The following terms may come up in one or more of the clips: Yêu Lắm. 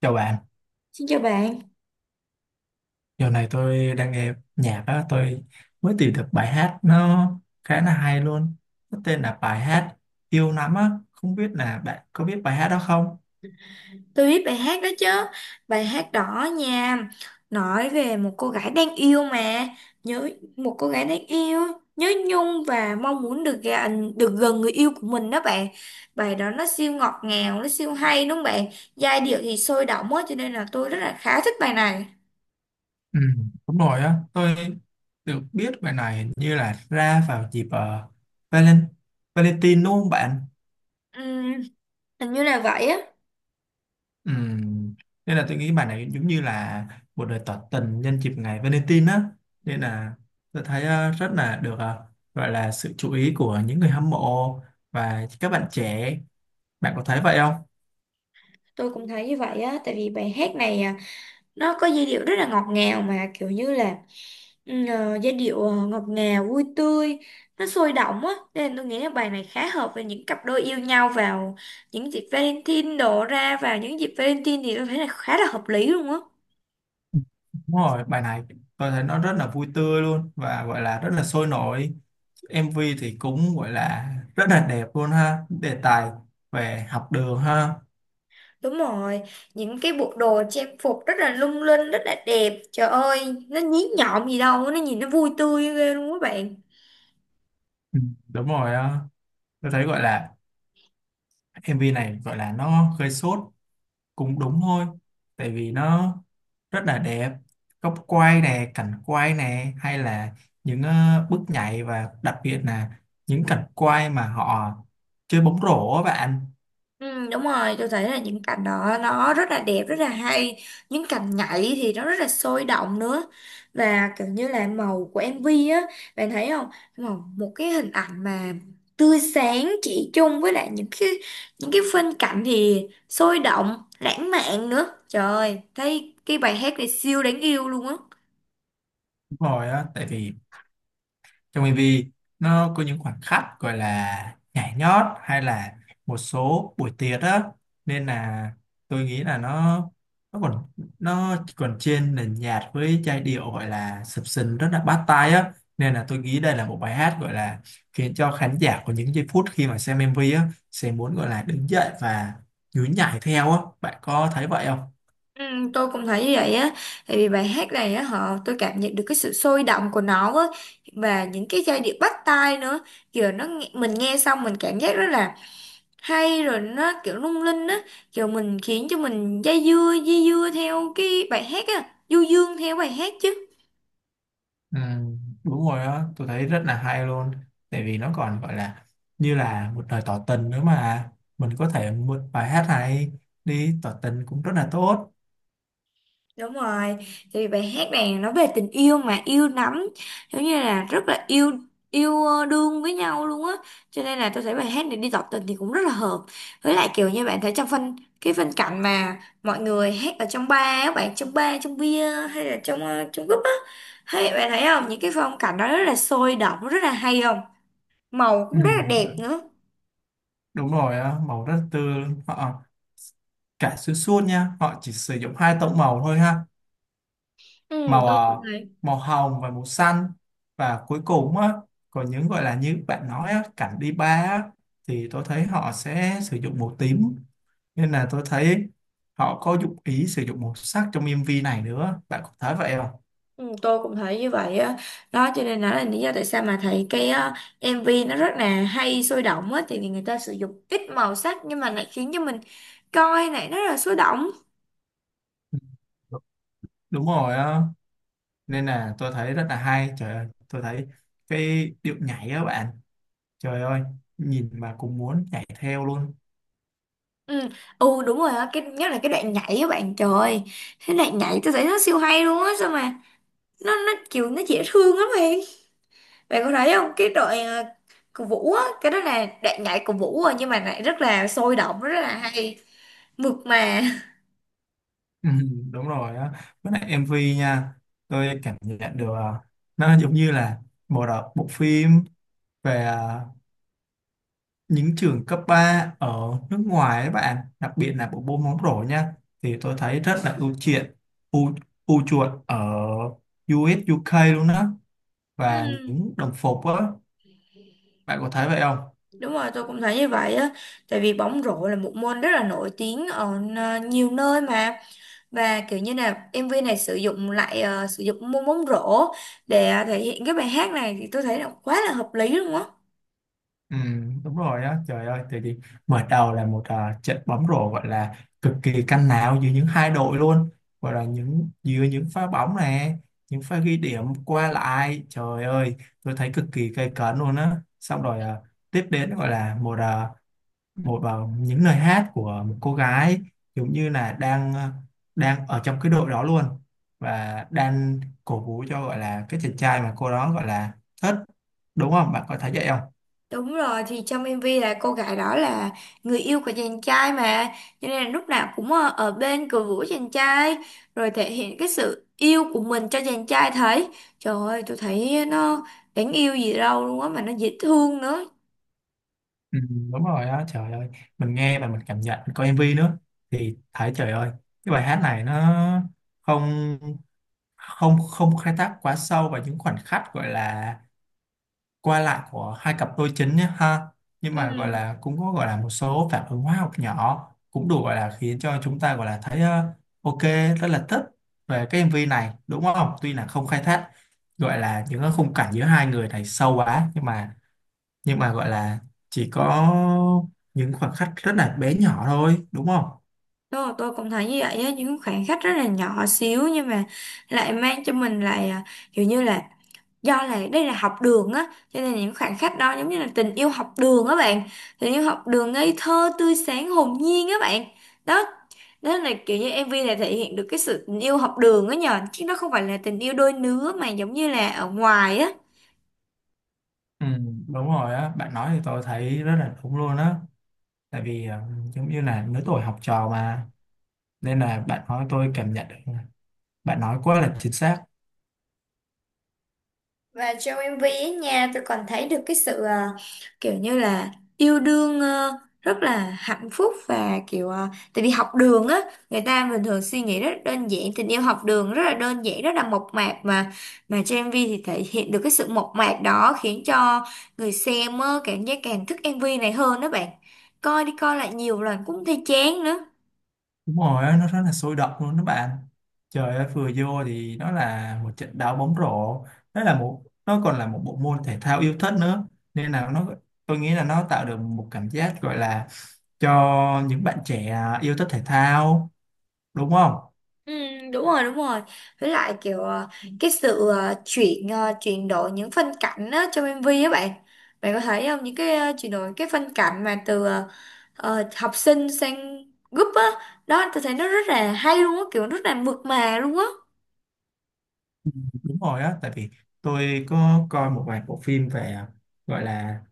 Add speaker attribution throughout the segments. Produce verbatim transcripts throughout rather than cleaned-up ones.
Speaker 1: Chào bạn,
Speaker 2: Xin chào bạn,
Speaker 1: giờ này tôi đang nghe nhạc á, tôi mới tìm được bài hát nó khá là hay luôn. Nó tên là bài hát Yêu Lắm á, không biết là bạn có biết bài hát đó không?
Speaker 2: tôi biết bài hát đó chứ. Bài hát đỏ nha. Nói về một cô gái đang yêu mà nhớ, một cô gái đang yêu, nhớ nhung và mong muốn được gần, được gần người yêu của mình đó bạn. Bài đó nó siêu ngọt ngào, nó siêu hay đúng không bạn? Giai điệu thì sôi động quá cho nên là tôi rất là khá thích bài này.
Speaker 1: Ừ, đúng rồi á, tôi được biết bài này hình như là ra vào dịp ờ, Valen Valentine đúng không bạn?
Speaker 2: Ừm, Hình như là vậy á.
Speaker 1: Ừ. Nên là tôi nghĩ bài này giống như là một lời tỏ tình nhân dịp ngày Valentine á, nên là tôi thấy ờ, rất là được, ờ, gọi là sự chú ý của những người hâm mộ và các bạn trẻ. Bạn có thấy vậy không?
Speaker 2: Tôi cũng thấy như vậy á. Tại vì bài hát này à, nó có giai điệu rất là ngọt ngào mà kiểu như là ừ, ờ, giai điệu ờ, ngọt ngào vui tươi, nó sôi động á, nên tôi nghĩ là bài này khá hợp với những cặp đôi yêu nhau vào những dịp Valentine đổ ra vào những dịp Valentine thì tôi thấy là khá là hợp lý luôn á.
Speaker 1: Đúng rồi, bài này tôi thấy nó rất là vui tươi luôn và gọi là rất là sôi nổi. em vê thì cũng gọi là rất là đẹp luôn ha, đề tài về học đường ha.
Speaker 2: Đúng rồi, những cái bộ đồ trang phục rất là lung linh, rất là đẹp, trời ơi nó nhí nhọn gì đâu, nó nhìn nó vui tươi ghê luôn các bạn.
Speaker 1: Ừ, đúng rồi ờ. Tôi thấy gọi là em vê này gọi là nó gây sốt cũng đúng thôi, tại vì nó rất là đẹp, góc quay nè, cảnh quay nè, hay là những ờ, bước nhảy, và đặc biệt là những cảnh quay mà họ chơi bóng rổ á bạn.
Speaker 2: Ừ, đúng rồi, tôi thấy là những cảnh đó nó rất là đẹp rất là hay, những cảnh nhảy thì nó rất là sôi động nữa, và kiểu như là màu của em vê á, bạn thấy không, màu một cái hình ảnh mà tươi sáng chỉ chung với lại những cái những cái phân cảnh thì sôi động lãng mạn nữa, trời ơi, thấy cái bài hát này siêu đáng yêu luôn á.
Speaker 1: Đúng rồi á, tại vì trong em vê nó có những khoảnh khắc gọi là nhảy nhót hay là một số buổi tiệc á, nên là tôi nghĩ là nó nó còn nó chỉ còn trên nền nhạc với giai điệu gọi là sập sình rất là bắt tai á. Nên là tôi nghĩ đây là một bài hát gọi là khiến cho khán giả có những giây phút khi mà xem em vê á sẽ muốn gọi là đứng dậy và nhún nhảy theo á. Bạn có thấy vậy không?
Speaker 2: Ừ, tôi cũng thấy như vậy á, tại vì bài hát này á, họ tôi cảm nhận được cái sự sôi động của nó á, và những cái giai điệu bắt tai nữa, kiểu nó nghe- mình nghe xong mình cảm giác rất là hay, rồi nó kiểu lung linh á, kiểu mình khiến cho mình dây dưa dây dưa theo cái bài hát á, du dương theo bài hát chứ.
Speaker 1: Ừ, đúng rồi á, tôi thấy rất là hay luôn, tại vì nó còn gọi là như là một lời tỏ tình nữa mà mình có thể mượn bài hát này đi tỏ tình cũng rất là tốt.
Speaker 2: Đúng rồi, thì bài hát này nó về tình yêu mà, yêu lắm, giống như là rất là yêu, yêu ờ, đương với nhau luôn á, cho nên là tôi thấy bài hát này đi tỏ tình thì cũng rất là hợp. Với lại kiểu như bạn thấy trong phân cái phân cảnh mà mọi người hát ở trong bar, á, bạn trong bar, trong bia hay là trong ờ, trong group á, hay bạn thấy không? Những cái phong cảnh đó rất là sôi động, rất là hay không? Màu
Speaker 1: Ừ,
Speaker 2: cũng rất là đẹp
Speaker 1: đ-
Speaker 2: nữa.
Speaker 1: đúng rồi á, màu rất tươi, họ cả xuyên suốt nha, họ chỉ sử dụng hai tông màu thôi ha,
Speaker 2: Ừ.
Speaker 1: màu
Speaker 2: Tôi
Speaker 1: à,
Speaker 2: cũng thấy.
Speaker 1: màu hồng và màu xanh. Và cuối cùng á, còn những gọi là như bạn nói á, cảnh đi ba á, thì tôi thấy họ sẽ sử dụng màu tím. Nên là tôi thấy họ có dụng ý sử dụng màu sắc trong em vê này nữa. Bạn có thấy vậy không?
Speaker 2: Ừ, tôi cũng thấy như vậy á, đó cho nên là lý do tại sao mà thấy cái á, em vê nó rất là hay sôi động á, thì người ta sử dụng ít màu sắc nhưng mà lại khiến cho mình coi này nó rất là sôi động.
Speaker 1: Ừ, đúng rồi á, nên là tôi thấy rất là hay. Trời ơi, tôi thấy cái điệu nhảy á bạn, trời ơi, nhìn mà cũng muốn nhảy theo luôn.
Speaker 2: ừ, ừ đúng rồi á, cái nhất là cái đoạn nhảy á bạn, trời ơi, cái đoạn nhảy tôi thấy nó siêu hay luôn á, sao mà nó nó kiểu nó dễ thương lắm bạn, bạn có thấy không cái đoạn à, của Vũ á, cái đó là đoạn nhảy của Vũ rồi nhưng mà lại rất là sôi động rất là hay, mượt mà.
Speaker 1: Ừ, đúng rồi á, với lại em vê nha, tôi cảm nhận được à, nó giống như là bộ đọc bộ phim về à, những trường cấp ba ở nước ngoài ấy bạn, đặc biệt là bộ môn bóng rổ nha, thì tôi thấy rất là ưu chuộng, ưu, ưu chuộng ở u ét u UK luôn á, và
Speaker 2: Ừ.
Speaker 1: những đồng phục á. Bạn có thấy vậy không?
Speaker 2: Đúng rồi, tôi cũng thấy như vậy á. Tại vì bóng rổ là một môn rất là nổi tiếng ở ờ, nhiều nơi mà. Và kiểu như là em vê này sử dụng lại ờ, sử dụng môn bóng rổ để ờ, thể hiện cái bài hát này thì tôi thấy là quá là hợp lý luôn á.
Speaker 1: Ừ, đúng rồi á. Trời ơi, tại vì mở đầu là một à, trận bóng rổ gọi là cực kỳ căng não giữa những hai đội luôn, gọi là những giữa những pha bóng này, những pha ghi điểm qua lại. Trời ơi, tôi thấy cực kỳ gay cấn luôn á. Xong rồi à, tiếp đến gọi là một à, một à, những lời hát của một cô gái giống như là đang à, đang ở trong cái đội đó luôn, và đang cổ vũ cho gọi là cái chàng trai mà cô đó gọi là thích, đúng không, bạn có thấy vậy không?
Speaker 2: Đúng rồi, thì trong em vê là cô gái đó là người yêu của chàng trai mà. Cho nên là lúc nào cũng ờ, ở bên cổ vũ chàng trai. Rồi thể hiện cái sự yêu của mình cho chàng trai thấy. Trời ơi, tôi thấy nó đáng yêu gì đâu luôn á mà nó dễ thương nữa.
Speaker 1: Ừ, đúng rồi á. Trời ơi, mình nghe và mình cảm nhận, mình coi em vê nữa thì thấy trời ơi cái bài hát này nó không không không khai thác quá sâu vào những khoảnh khắc gọi là qua lại của hai cặp đôi chính nhé ha, nhưng mà
Speaker 2: Ừ.
Speaker 1: gọi là cũng có gọi là một số phản ứng hóa học nhỏ cũng đủ gọi là khiến cho chúng ta gọi là thấy ờ, ok, rất là thích về cái em vê này đúng không. Tuy là không khai thác gọi là những cái khung cảnh giữa hai người này sâu quá, nhưng mà nhưng mà gọi là chỉ có những khoảnh khắc rất là bé nhỏ thôi đúng không.
Speaker 2: Tôi, tôi cũng thấy như vậy á, những khoảng cách rất là nhỏ xíu nhưng mà lại mang cho mình lại à, kiểu như là, do là đây là học đường á cho nên những khoảng cách đó giống như là tình yêu học đường á bạn, tình yêu học đường ngây thơ tươi sáng hồn nhiên á bạn. Đó, đó là kiểu như em vê này thể hiện được cái sự tình yêu học đường á nhờ, chứ nó không phải là tình yêu đôi lứa mà giống như là ở ngoài á.
Speaker 1: Ừ, đúng rồi á, bạn nói thì tôi thấy rất là đúng luôn á. Tại vì ờ, giống như là lứa tuổi học trò mà, nên là bạn nói tôi cảm nhận được, bạn nói quá là chính xác.
Speaker 2: Và trong em vê ấy nha, tôi còn thấy được cái sự à, kiểu như là yêu đương ờ, rất là hạnh phúc và kiểu à, tại vì học đường á, người ta bình thường suy nghĩ rất là đơn giản, tình yêu học đường rất là đơn giản, rất là mộc mạc mà mà trong em vê thì thể hiện được cái sự mộc mạc đó khiến cho người xem á, cảm giác càng thích em vê này hơn đó bạn. Coi đi coi lại nhiều lần cũng thấy chán nữa.
Speaker 1: Đúng rồi á, nó rất là sôi động luôn đó bạn. Trời ơi, vừa vô thì nó là một trận đá bóng rổ, nó là một, nó còn là một bộ môn thể thao yêu thích nữa. Nên là nó, tôi nghĩ là nó tạo được một cảm giác gọi là cho những bạn trẻ yêu thích thể thao, đúng không.
Speaker 2: Ừ, đúng rồi đúng rồi, với lại kiểu ờ, cái sự ờ, chuyển ờ, chuyển đổi những phân cảnh á, trong em vê á bạn, bạn có thấy không những cái ờ, chuyển đổi cái phân cảnh mà từ ờ, ờ, học sinh sang group á, đó tôi thấy nó rất là hay luôn á, kiểu rất là mượt mà luôn á.
Speaker 1: Đúng rồi á, tại vì tôi có coi một vài bộ phim về gọi là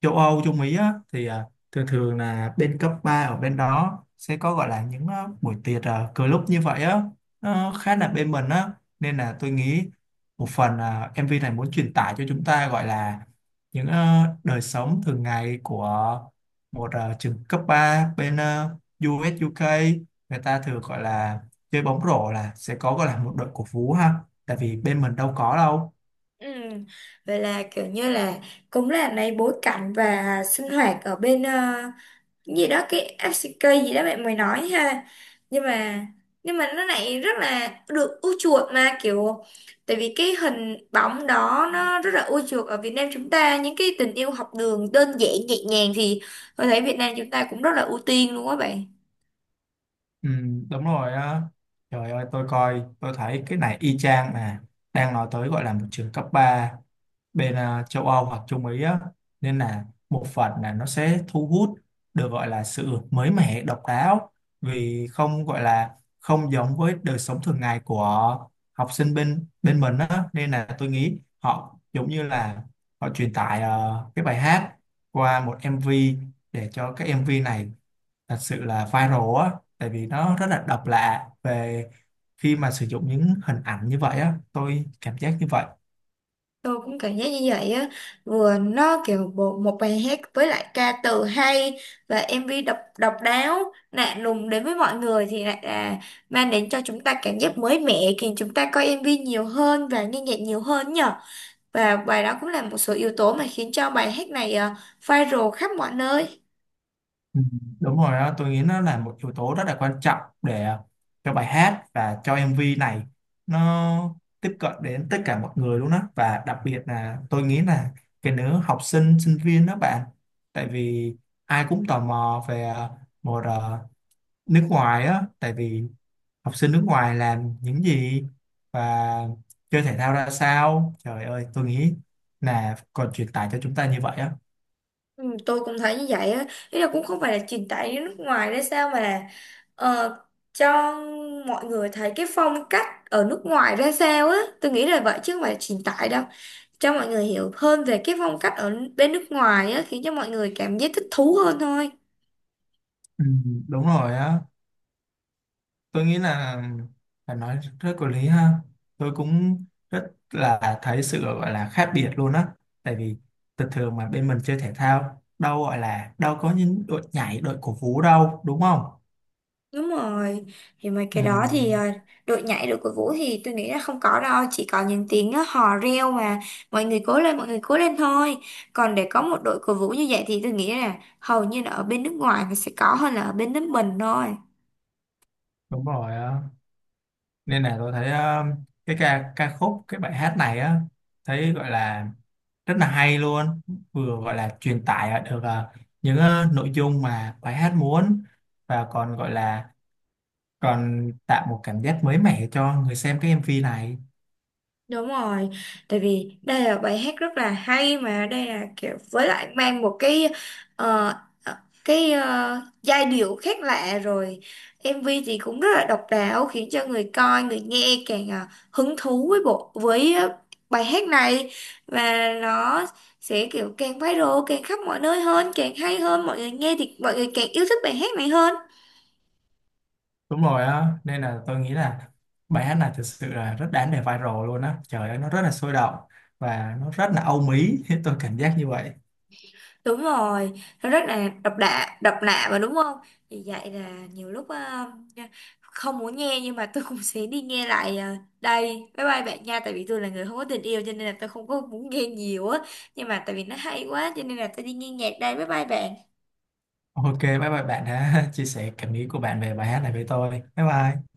Speaker 1: châu Âu, châu Mỹ á, thì à, thường thường là bên cấp ba ở bên đó sẽ có gọi là những à, buổi tiệc, uh, cờ lúc như vậy á, nó khá là bên mình á. Nên là tôi nghĩ một phần à, em vê này muốn truyền tải cho chúng ta gọi là những à, đời sống thường ngày của một à, trường cấp ba bên à, u uh, u UK, người ta thường gọi là chơi bóng rổ là sẽ có gọi là một đội cổ vũ ha, tại vì bên mình đâu có đâu.
Speaker 2: Ừ. Vậy là kiểu như là cũng là lấy bối cảnh và sinh hoạt ở bên ờ, gì đó, cái ép xê ca gì đó bạn mới nói ha, nhưng mà nhưng mà nó lại rất là được ưa chuộng, mà kiểu, tại vì cái hình bóng đó nó rất là ưa chuộng ở Việt Nam chúng ta, những cái tình yêu học đường đơn giản nhẹ nhàng thì tôi thấy Việt Nam chúng ta cũng rất là ưu tiên luôn á bạn.
Speaker 1: Ừ, đúng rồi á. Trời ơi, tôi coi, tôi thấy cái này y chang mà đang nói tới gọi là một trường cấp ba bên à, châu Âu hoặc Trung Mỹ á. Nên là một phần là nó sẽ thu hút được gọi là sự mới mẻ, độc đáo, vì không gọi là không giống với đời sống thường ngày của học sinh bên bên mình á. Nên là tôi nghĩ họ giống như là họ truyền tải ờ, cái bài hát qua một em vi, để cho cái em vi này thật sự là viral á, tại vì nó rất là độc lạ về khi mà sử dụng những hình ảnh như vậy á, tôi cảm giác như vậy.
Speaker 2: Tôi cũng cảm giác như vậy á, vừa nó kiểu bộ một bài hát với lại ca từ hay, và em vê độc độc đáo lạ lùng đến với mọi người thì lại là mang đến cho chúng ta cảm giác mới mẻ, khiến chúng ta coi em vê nhiều hơn và nghe nhạc nhiều hơn nhở, và bài đó cũng là một số yếu tố mà khiến cho bài hát này ờ, viral khắp mọi nơi.
Speaker 1: Ừ, đúng rồi á, tôi nghĩ nó là một yếu tố rất là quan trọng để cho bài hát và cho em vê này, nó tiếp cận đến tất cả mọi người luôn á. Và đặc biệt là tôi nghĩ là cái nữ học sinh sinh viên đó bạn, tại vì ai cũng tò mò về ờ, một ờ, nước ngoài á, tại vì học sinh nước ngoài làm những gì và chơi thể thao ra sao. Trời ơi, tôi nghĩ là còn truyền tải cho chúng ta như vậy á.
Speaker 2: Ừ, tôi cũng thấy như vậy á, ý là cũng không phải là truyền tải đến nước ngoài đấy sao, mà là ờ, cho mọi người thấy cái phong cách ở nước ngoài ra sao á, tôi nghĩ là vậy chứ không phải là truyền tải đâu, cho mọi người hiểu hơn về cái phong cách ở bên nước ngoài á, khiến cho mọi người cảm giác thích thú hơn thôi.
Speaker 1: Ừ, đúng rồi á, tôi nghĩ là là nói rất có lý ha. Tôi cũng rất là thấy sự gọi là khác biệt luôn á, tại vì thường thường mà bên mình chơi thể thao đâu gọi là đâu có những đội nhảy, đội cổ vũ đâu, đúng không.
Speaker 2: Đúng rồi, thì mấy
Speaker 1: Ừ,
Speaker 2: cái đó thì ờ, đội nhảy đội cổ vũ thì tôi nghĩ là không có đâu, chỉ có những tiếng ờ, hò reo mà mọi người cố lên, mọi người cố lên thôi. Còn để có một đội cổ vũ như vậy thì tôi nghĩ là hầu như là ở bên nước ngoài nó sẽ có hơn là ở bên nước mình thôi.
Speaker 1: đúng rồi á, nên là tôi thấy ờ, cái ca ca khúc cái bài hát này á, thấy gọi là rất là hay luôn, vừa gọi là truyền tải được ờ, những ờ, nội dung mà bài hát muốn, và còn gọi là còn tạo một cảm giác mới mẻ cho người xem cái em vi này.
Speaker 2: Đúng rồi, tại vì đây là bài hát rất là hay mà, đây là kiểu với lại mang một cái ờ, ờ, cái ờ, giai điệu khác lạ rồi, em vê thì cũng rất là độc đáo khiến cho người coi người nghe càng ờ, hứng thú với bộ với ờ, bài hát này, và nó sẽ kiểu càng viral càng khắp mọi nơi hơn, càng hay hơn, mọi người nghe thì mọi người càng yêu thích bài hát này hơn.
Speaker 1: Đúng rồi á, nên là tôi nghĩ là bài hát này thực sự là rất đáng để viral luôn á. Trời ơi, nó rất là sôi động và nó rất là âu mỹ tôi cảm giác như vậy.
Speaker 2: Đúng rồi, nó rất là độc lạ độc lạ mà đúng không, vì vậy là nhiều lúc ờ, không muốn nghe nhưng mà tôi cũng sẽ đi nghe lại ờ, đây, bye bye bạn nha, tại vì tôi là người không có tình yêu cho nên là tôi không có muốn nghe nhiều á, nhưng mà tại vì nó hay quá cho nên là tôi đi nghe nhạc đây, bye bye bạn.
Speaker 1: Ok, bye bye bạn đã chia sẻ cảm nghĩ của bạn về bài hát này với tôi. Bye bye.